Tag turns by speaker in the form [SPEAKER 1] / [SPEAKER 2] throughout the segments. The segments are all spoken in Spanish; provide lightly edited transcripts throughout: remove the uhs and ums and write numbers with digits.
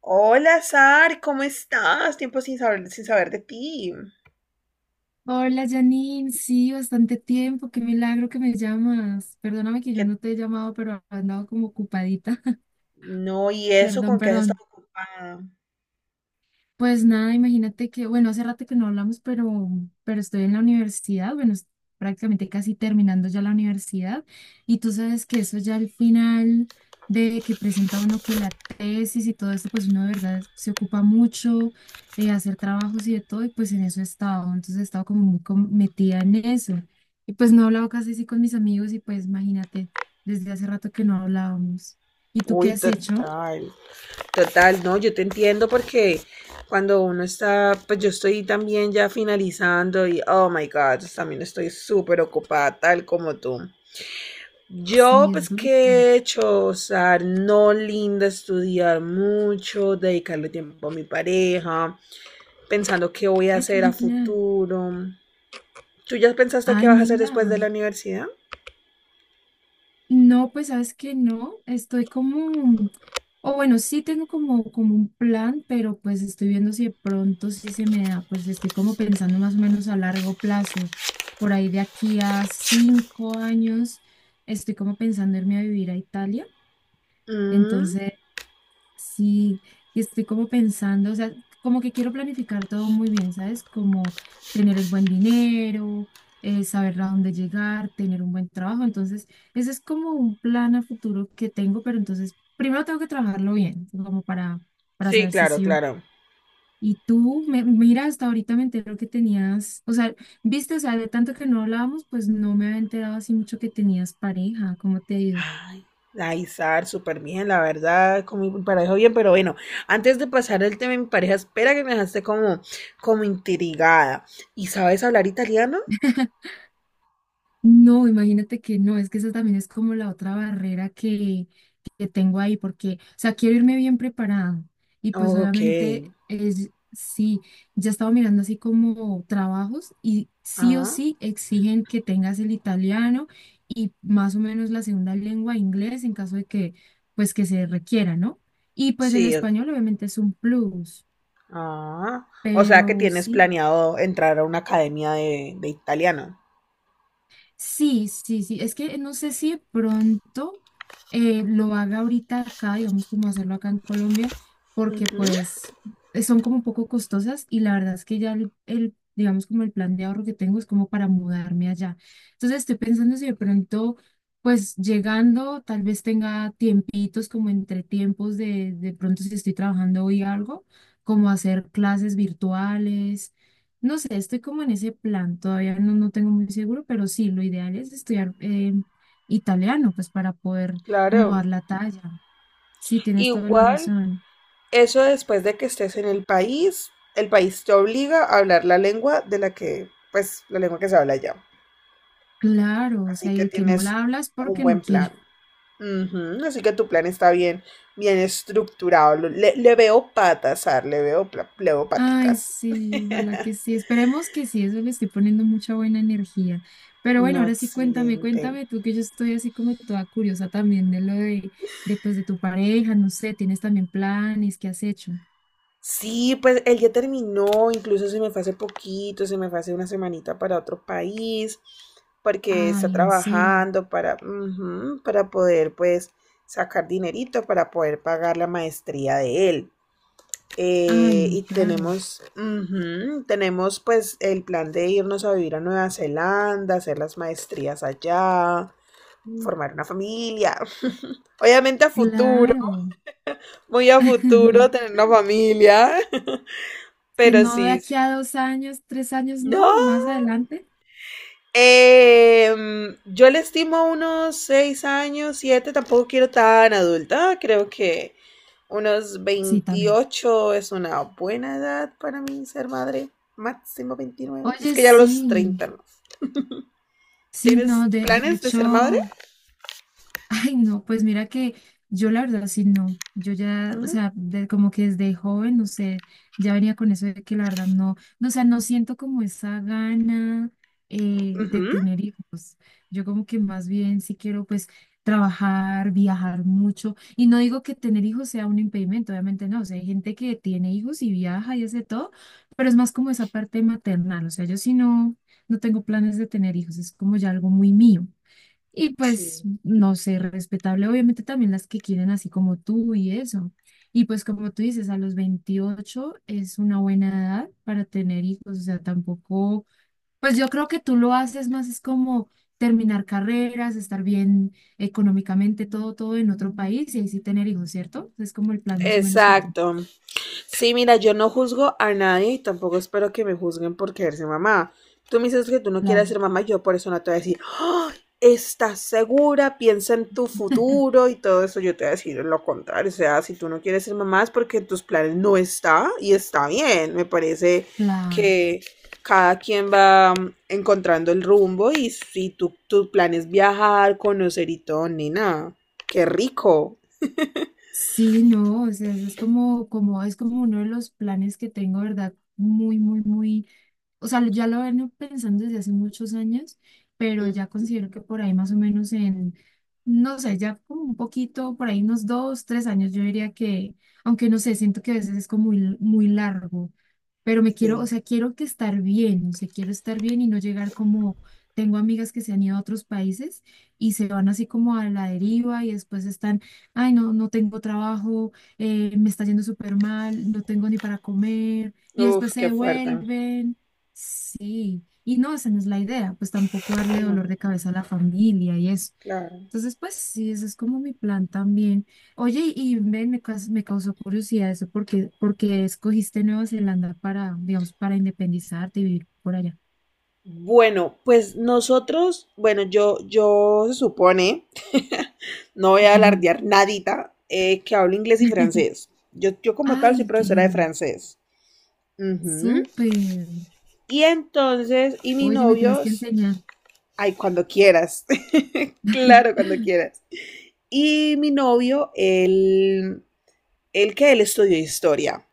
[SPEAKER 1] Hola, Sar, ¿cómo estás? Tiempo sin saber de ti.
[SPEAKER 2] Hola Janine, sí, bastante tiempo, qué milagro que me llamas. Perdóname que yo
[SPEAKER 1] Que
[SPEAKER 2] no te he llamado, pero he andado como ocupadita.
[SPEAKER 1] no, ¿y eso
[SPEAKER 2] Perdón,
[SPEAKER 1] con qué has
[SPEAKER 2] perdón.
[SPEAKER 1] estado ocupada?
[SPEAKER 2] Pues nada, imagínate que, bueno, hace rato que no hablamos, pero estoy en la universidad, bueno, prácticamente casi terminando ya la universidad, y tú sabes que eso ya al final de que presenta uno que la tesis y todo esto, pues uno de verdad se ocupa mucho, hacer trabajos y de todo, y pues en eso he estado, entonces he estado como muy metida en eso, y pues no he hablado casi así con mis amigos, y pues imagínate, desde hace rato que no hablábamos. ¿Y tú
[SPEAKER 1] Uy,
[SPEAKER 2] qué has hecho?
[SPEAKER 1] total, total, no, yo te entiendo porque cuando uno está, pues yo estoy también ya finalizando y oh my God, también estoy súper ocupada, tal como tú. Yo,
[SPEAKER 2] Sí, es
[SPEAKER 1] pues,
[SPEAKER 2] durísimo.
[SPEAKER 1] ¿qué he hecho? O sea, no, linda, estudiar mucho, dedicarle tiempo a mi pareja, pensando qué voy a
[SPEAKER 2] Ay, qué
[SPEAKER 1] hacer a
[SPEAKER 2] genial.
[SPEAKER 1] futuro. ¿Tú ya pensaste qué
[SPEAKER 2] Ay,
[SPEAKER 1] vas a hacer
[SPEAKER 2] mira.
[SPEAKER 1] después de la universidad?
[SPEAKER 2] No, pues sabes que no, estoy como, o bueno, sí tengo como un plan, pero pues estoy viendo si de pronto sí se me da, pues estoy como pensando más o menos a largo plazo, por ahí de aquí a 5 años, estoy como pensando irme a vivir a Italia,
[SPEAKER 1] Mm.
[SPEAKER 2] entonces. Sí, y estoy como pensando, o sea, como que quiero planificar todo muy bien, ¿sabes? Como tener el buen dinero, saber a dónde llegar, tener un buen trabajo. Entonces, ese es como un plan a futuro que tengo, pero entonces primero tengo que trabajarlo bien, como para
[SPEAKER 1] Sí,
[SPEAKER 2] saber si
[SPEAKER 1] claro,
[SPEAKER 2] sí o no.
[SPEAKER 1] claro.
[SPEAKER 2] Y tú, mira, hasta ahorita me entero que tenías, o sea, viste, o sea, de tanto que no hablábamos, pues no me había enterado así mucho que tenías pareja, ¿cómo te ha ido?
[SPEAKER 1] Ay, ay, Sar, súper bien, la verdad, con mi pareja bien, pero bueno, antes de pasar el tema de mi pareja, espera, que me dejaste como, como intrigada. ¿Y sabes hablar italiano?
[SPEAKER 2] No, imagínate que no, es que esa también es como la otra barrera que tengo ahí, porque, o sea, quiero irme bien preparada. Y pues
[SPEAKER 1] Ok.
[SPEAKER 2] obviamente, es, sí, ya estaba mirando así como trabajos y sí o
[SPEAKER 1] Ah,
[SPEAKER 2] sí exigen que tengas el italiano y más o menos la segunda lengua inglés en caso de que, pues que se requiera, ¿no? Y pues el
[SPEAKER 1] sí.
[SPEAKER 2] español obviamente es un plus,
[SPEAKER 1] Ah. O sea que
[SPEAKER 2] pero
[SPEAKER 1] tienes
[SPEAKER 2] sí.
[SPEAKER 1] planeado entrar a una academia de italiano.
[SPEAKER 2] Sí, sí, sí. Es que no sé si de pronto lo haga ahorita acá, digamos, como hacerlo acá en Colombia, porque
[SPEAKER 1] Ujú.
[SPEAKER 2] pues son como un poco costosas y la verdad es que ya digamos, como el plan de ahorro que tengo es como para mudarme allá. Entonces estoy pensando si de pronto, pues llegando, tal vez tenga tiempitos como entre tiempos de pronto si estoy trabajando hoy algo, como hacer clases virtuales no sé, estoy como en ese plan, todavía no tengo muy seguro, pero sí, lo ideal es estudiar italiano, pues para poder como dar
[SPEAKER 1] Claro.
[SPEAKER 2] la talla. Sí, tienes toda la
[SPEAKER 1] Igual.
[SPEAKER 2] razón.
[SPEAKER 1] Eso después de que estés en el país te obliga a hablar la lengua de la que, pues, la lengua que se habla allá.
[SPEAKER 2] Claro, o
[SPEAKER 1] Así
[SPEAKER 2] sea, y
[SPEAKER 1] que
[SPEAKER 2] el que no
[SPEAKER 1] tienes
[SPEAKER 2] la habla es
[SPEAKER 1] un
[SPEAKER 2] porque no
[SPEAKER 1] buen plan.
[SPEAKER 2] quiere.
[SPEAKER 1] Ujú. Así que tu plan está bien, bien estructurado. Lo- Le veo patas, Ar, le veo, pla- le veo
[SPEAKER 2] Ay,
[SPEAKER 1] paticas.
[SPEAKER 2] sí, ojalá que sí. Esperemos que sí, eso le estoy poniendo mucha buena energía. Pero bueno,
[SPEAKER 1] No,
[SPEAKER 2] ahora sí cuéntame,
[SPEAKER 1] excelente.
[SPEAKER 2] cuéntame tú que yo estoy así como toda curiosa también de lo de pues de tu pareja, no sé, tienes también planes, ¿qué has hecho?
[SPEAKER 1] Sí, pues él ya terminó, incluso se me fue hace poquito, se me fue hace una semanita para otro país, porque está
[SPEAKER 2] Ay, en serio.
[SPEAKER 1] trabajando para, ujú, para poder pues sacar dinerito para poder pagar la maestría de él.
[SPEAKER 2] Ay,
[SPEAKER 1] Y
[SPEAKER 2] claro.
[SPEAKER 1] tenemos, ujú, tenemos pues el plan de irnos a vivir a Nueva Zelanda, hacer las maestrías allá, formar una familia. Obviamente a futuro,
[SPEAKER 2] Claro.
[SPEAKER 1] muy a futuro, tener una familia.
[SPEAKER 2] Que
[SPEAKER 1] Pero
[SPEAKER 2] no de
[SPEAKER 1] sí,
[SPEAKER 2] aquí
[SPEAKER 1] sí.
[SPEAKER 2] a 2 años, 3 años, no,
[SPEAKER 1] No.
[SPEAKER 2] más adelante.
[SPEAKER 1] Yo le estimo unos 6 años, 7, tampoco quiero tan adulta. Creo que unos
[SPEAKER 2] Sí, también.
[SPEAKER 1] 28 es una buena edad para mí ser madre. Máximo 29. Es
[SPEAKER 2] Oye,
[SPEAKER 1] que ya a los
[SPEAKER 2] sí,
[SPEAKER 1] 30, no.
[SPEAKER 2] sí,
[SPEAKER 1] ¿Tienes
[SPEAKER 2] no, de
[SPEAKER 1] planes de
[SPEAKER 2] hecho.
[SPEAKER 1] ser madre?
[SPEAKER 2] Ay, no, pues mira que yo la verdad sí no. Yo ya, o
[SPEAKER 1] No.
[SPEAKER 2] sea, como que desde joven, no sé, ya venía con eso de que la verdad no, no, o sea, no siento como esa gana de
[SPEAKER 1] Ujú.
[SPEAKER 2] tener hijos. Yo como que más bien sí quiero pues trabajar, viajar mucho. Y no digo que tener hijos sea un impedimento, obviamente no. O sea, hay gente que tiene hijos y viaja y hace todo, pero es más como esa parte maternal. O sea, yo sí no, no tengo planes de tener hijos, es como ya algo muy mío. Y pues,
[SPEAKER 1] Sí.
[SPEAKER 2] no sé, respetable, obviamente también las que quieren así como tú y eso. Y pues como tú dices, a los 28 es una buena edad para tener hijos, o sea, tampoco, pues yo creo que tú lo haces más es como terminar carreras, estar bien económicamente, todo, todo en otro país y ahí sí tener hijos, ¿cierto? Es como el plan más o menos que tú.
[SPEAKER 1] Exacto. Sí, mira, yo no juzgo a nadie y tampoco espero que me juzguen por querer ser mamá. Tú me dices que tú no quieres
[SPEAKER 2] Claro,
[SPEAKER 1] ser mamá y yo por eso no te voy a decir: "Ah, ¿estás segura? Piensa en tu futuro y todo eso". Yo te voy a decir lo contrario. O sea, si tú no quieres ser mamá es porque en tus planes no está y está bien. Me parece
[SPEAKER 2] claro.
[SPEAKER 1] que cada quien va encontrando el rumbo, y si tu plan es viajar, conocer y todo, nena, qué rico.
[SPEAKER 2] Sí, no, o sea, es como uno de los planes que tengo, ¿verdad? Muy, muy, muy o sea, ya lo vengo pensando desde hace muchos años, pero ya
[SPEAKER 1] Mm,
[SPEAKER 2] considero que por ahí más o menos en, no sé, ya como un poquito, por ahí unos dos, tres años, yo diría que, aunque no sé, siento que a veces es como muy, muy largo, pero me quiero, o
[SPEAKER 1] sí.
[SPEAKER 2] sea, quiero que estar bien, o sea, quiero estar bien y no llegar como, tengo amigas que se han ido a otros países y se van así como a la deriva y después están, ay, no, no tengo trabajo, me está yendo súper mal, no tengo ni para comer y después
[SPEAKER 1] Uf,
[SPEAKER 2] se
[SPEAKER 1] qué fuerte.
[SPEAKER 2] devuelven. Sí, y no, esa no es la idea, pues tampoco darle
[SPEAKER 1] No.
[SPEAKER 2] dolor de cabeza a la familia y eso.
[SPEAKER 1] Claro.
[SPEAKER 2] Entonces, pues sí, ese es como mi plan también. Oye, y ven, me causó curiosidad eso, porque escogiste Nueva Zelanda para, digamos, para independizarte y vivir por allá.
[SPEAKER 1] Bueno, pues nosotros, bueno, yo se supone, no voy a alardear nadita, que hablo inglés y francés. Yo como tal soy
[SPEAKER 2] Ay, qué
[SPEAKER 1] profesora de
[SPEAKER 2] genial.
[SPEAKER 1] francés. Ujú.
[SPEAKER 2] Súper.
[SPEAKER 1] Y entonces, y mi
[SPEAKER 2] Oye, me tienes
[SPEAKER 1] novio,
[SPEAKER 2] que enseñar.
[SPEAKER 1] ay, cuando quieras, claro, cuando quieras. Y mi novio, él que él estudió historia.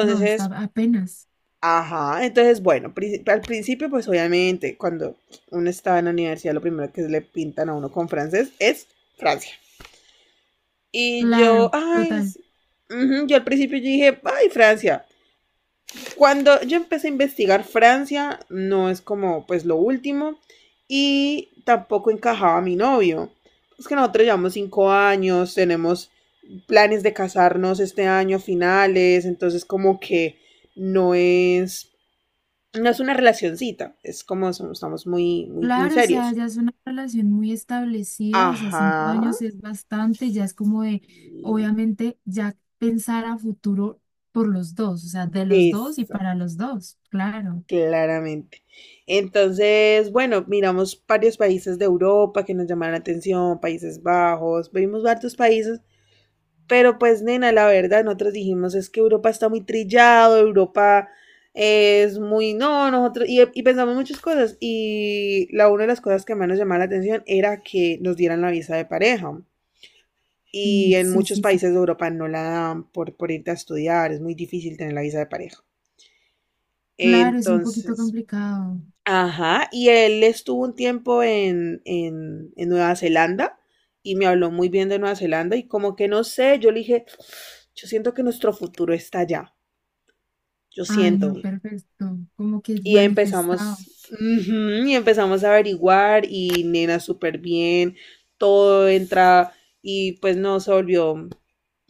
[SPEAKER 2] No, está apenas.
[SPEAKER 1] ajá, entonces bueno, pri- al principio pues obviamente cuando uno estaba en la universidad lo primero que le pintan a uno con francés es Francia. Y yo,
[SPEAKER 2] Claro,
[SPEAKER 1] ay,
[SPEAKER 2] total.
[SPEAKER 1] sí. Ujú, yo al principio yo dije, ay, Francia. Cuando yo empecé a investigar Francia, no es como pues lo último, y tampoco encajaba mi novio. Es que nosotros llevamos 5 años, tenemos planes de casarnos este año a finales, entonces como que no es, no es una relacioncita, es como somos, estamos muy, muy, muy
[SPEAKER 2] Claro, o sea,
[SPEAKER 1] serios.
[SPEAKER 2] ya es una relación muy establecida, o sea, cinco
[SPEAKER 1] Ajá,
[SPEAKER 2] años es bastante, ya es como de, obviamente, ya pensar a futuro por los dos, o sea, de los dos y
[SPEAKER 1] exacto,
[SPEAKER 2] para los dos, claro.
[SPEAKER 1] claramente. Entonces, bueno, miramos varios países de Europa que nos llamaron la atención, Países Bajos, vimos varios países, pero pues nena, la verdad, nosotros dijimos, es que Europa está muy trillado, Europa es muy, no, nosotros, y pensamos muchas cosas, y la una de las cosas que más nos llamaba la atención era que nos dieran la visa de pareja,
[SPEAKER 2] Mm,
[SPEAKER 1] y en
[SPEAKER 2] sí,
[SPEAKER 1] muchos
[SPEAKER 2] sí, sí.
[SPEAKER 1] países de Europa no la dan por irte a estudiar, es muy difícil tener la visa de pareja.
[SPEAKER 2] Claro, es un poquito
[SPEAKER 1] Entonces,
[SPEAKER 2] complicado.
[SPEAKER 1] ajá, y él estuvo un tiempo en Nueva Zelanda y me habló muy bien de Nueva Zelanda, y como que no sé, yo le dije, yo siento que nuestro futuro está allá, yo
[SPEAKER 2] Ay, no,
[SPEAKER 1] siento.
[SPEAKER 2] perfecto, como que
[SPEAKER 1] Y
[SPEAKER 2] manifestado.
[SPEAKER 1] empezamos, ujú, y empezamos a averiguar, y nena, súper bien, todo entra, y pues no, se volvió,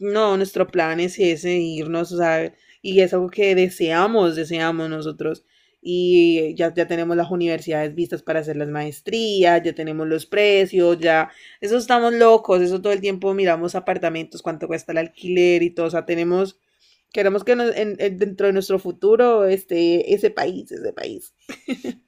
[SPEAKER 1] no, nuestro plan es ese, irnos, o sea, y es algo que deseamos, deseamos nosotros. Y ya, ya tenemos las universidades vistas para hacer las maestrías, ya tenemos los precios, ya, eso estamos locos, eso todo el tiempo miramos apartamentos, cuánto cuesta el alquiler y todo, o sea, tenemos. Queremos que nos- en- dentro de nuestro futuro esté ese país, ese país.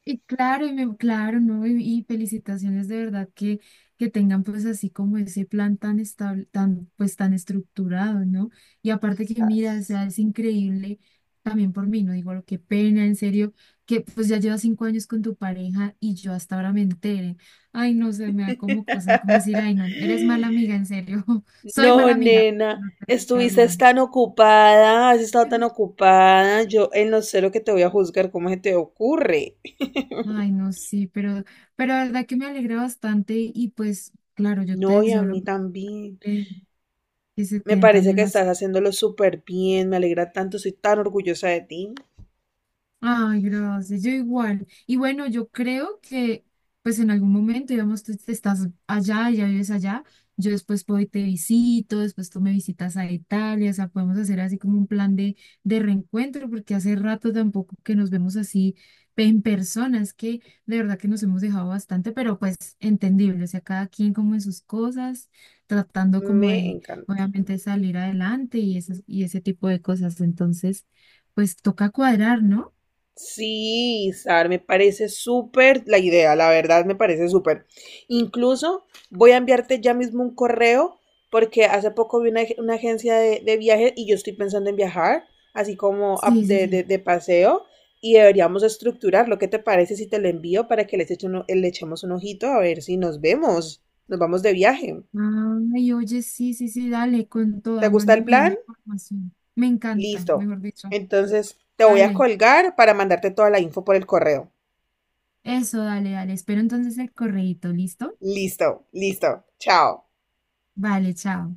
[SPEAKER 2] Y claro, y claro, ¿no? Y felicitaciones de verdad que tengan pues así como ese plan tan estable, tan, pues tan estructurado, ¿no? Y aparte que mira, o
[SPEAKER 1] Gracias.
[SPEAKER 2] sea, es increíble también por mí, ¿no? Digo, qué pena, en serio, que pues ya llevas 5 años con tu pareja y yo hasta ahora me entere. Ay, no sé, me da como cosas como decir, ay, no, eres mala amiga, en serio, soy
[SPEAKER 1] No,
[SPEAKER 2] mala amiga.
[SPEAKER 1] nena,
[SPEAKER 2] No te he
[SPEAKER 1] estuviste
[SPEAKER 2] hablado.
[SPEAKER 1] tan ocupada, has estado tan ocupada. Yo en lo cero que te voy a juzgar, ¿cómo se te ocurre?
[SPEAKER 2] Ay, no, sí, pero la verdad que me alegra bastante y pues, claro, yo
[SPEAKER 1] No,
[SPEAKER 2] te
[SPEAKER 1] y a
[SPEAKER 2] deseo lo
[SPEAKER 1] mí también.
[SPEAKER 2] eh, que se
[SPEAKER 1] Me
[SPEAKER 2] te den
[SPEAKER 1] parece
[SPEAKER 2] también
[SPEAKER 1] que estás
[SPEAKER 2] las
[SPEAKER 1] haciéndolo súper bien, me alegra tanto, soy tan orgullosa de ti.
[SPEAKER 2] Ay, gracias, yo igual. Y bueno, yo creo que pues en algún momento, digamos, tú te estás allá, ya vives allá, yo después puedo y te visito, después tú me visitas a Italia, o sea, podemos hacer así como un plan de reencuentro, porque hace rato tampoco que nos vemos así en persona, es que de verdad que nos hemos dejado bastante, pero pues entendible, o sea, cada quien como en sus cosas, tratando como
[SPEAKER 1] Me
[SPEAKER 2] de,
[SPEAKER 1] encanta.
[SPEAKER 2] obviamente, salir adelante y, esas, y ese tipo de cosas. Entonces, pues toca cuadrar, ¿no?
[SPEAKER 1] Sí, Sar, me parece súper la idea, la verdad me parece súper. Incluso voy a enviarte ya mismo un correo porque hace poco vi una, ag- una agencia de viajes y yo estoy pensando en viajar, así como a-
[SPEAKER 2] Sí, sí, sí.
[SPEAKER 1] de paseo, y deberíamos estructurar, lo que te parece si te lo envío para que les eche uno- le echemos un ojito a ver si nos vemos, nos vamos de viaje.
[SPEAKER 2] Ay, oye, sí, sí, sí, dale, con
[SPEAKER 1] ¿Te
[SPEAKER 2] toda,
[SPEAKER 1] gusta el
[SPEAKER 2] mándame ahí la
[SPEAKER 1] plan?
[SPEAKER 2] información. Me encanta,
[SPEAKER 1] Listo.
[SPEAKER 2] mejor dicho.
[SPEAKER 1] Entonces te voy a
[SPEAKER 2] Dale,
[SPEAKER 1] colgar para mandarte toda la info por el correo.
[SPEAKER 2] eso, dale, dale. Espero entonces el correíto, ¿listo?
[SPEAKER 1] Listo, listo. Chao.
[SPEAKER 2] Vale, chao.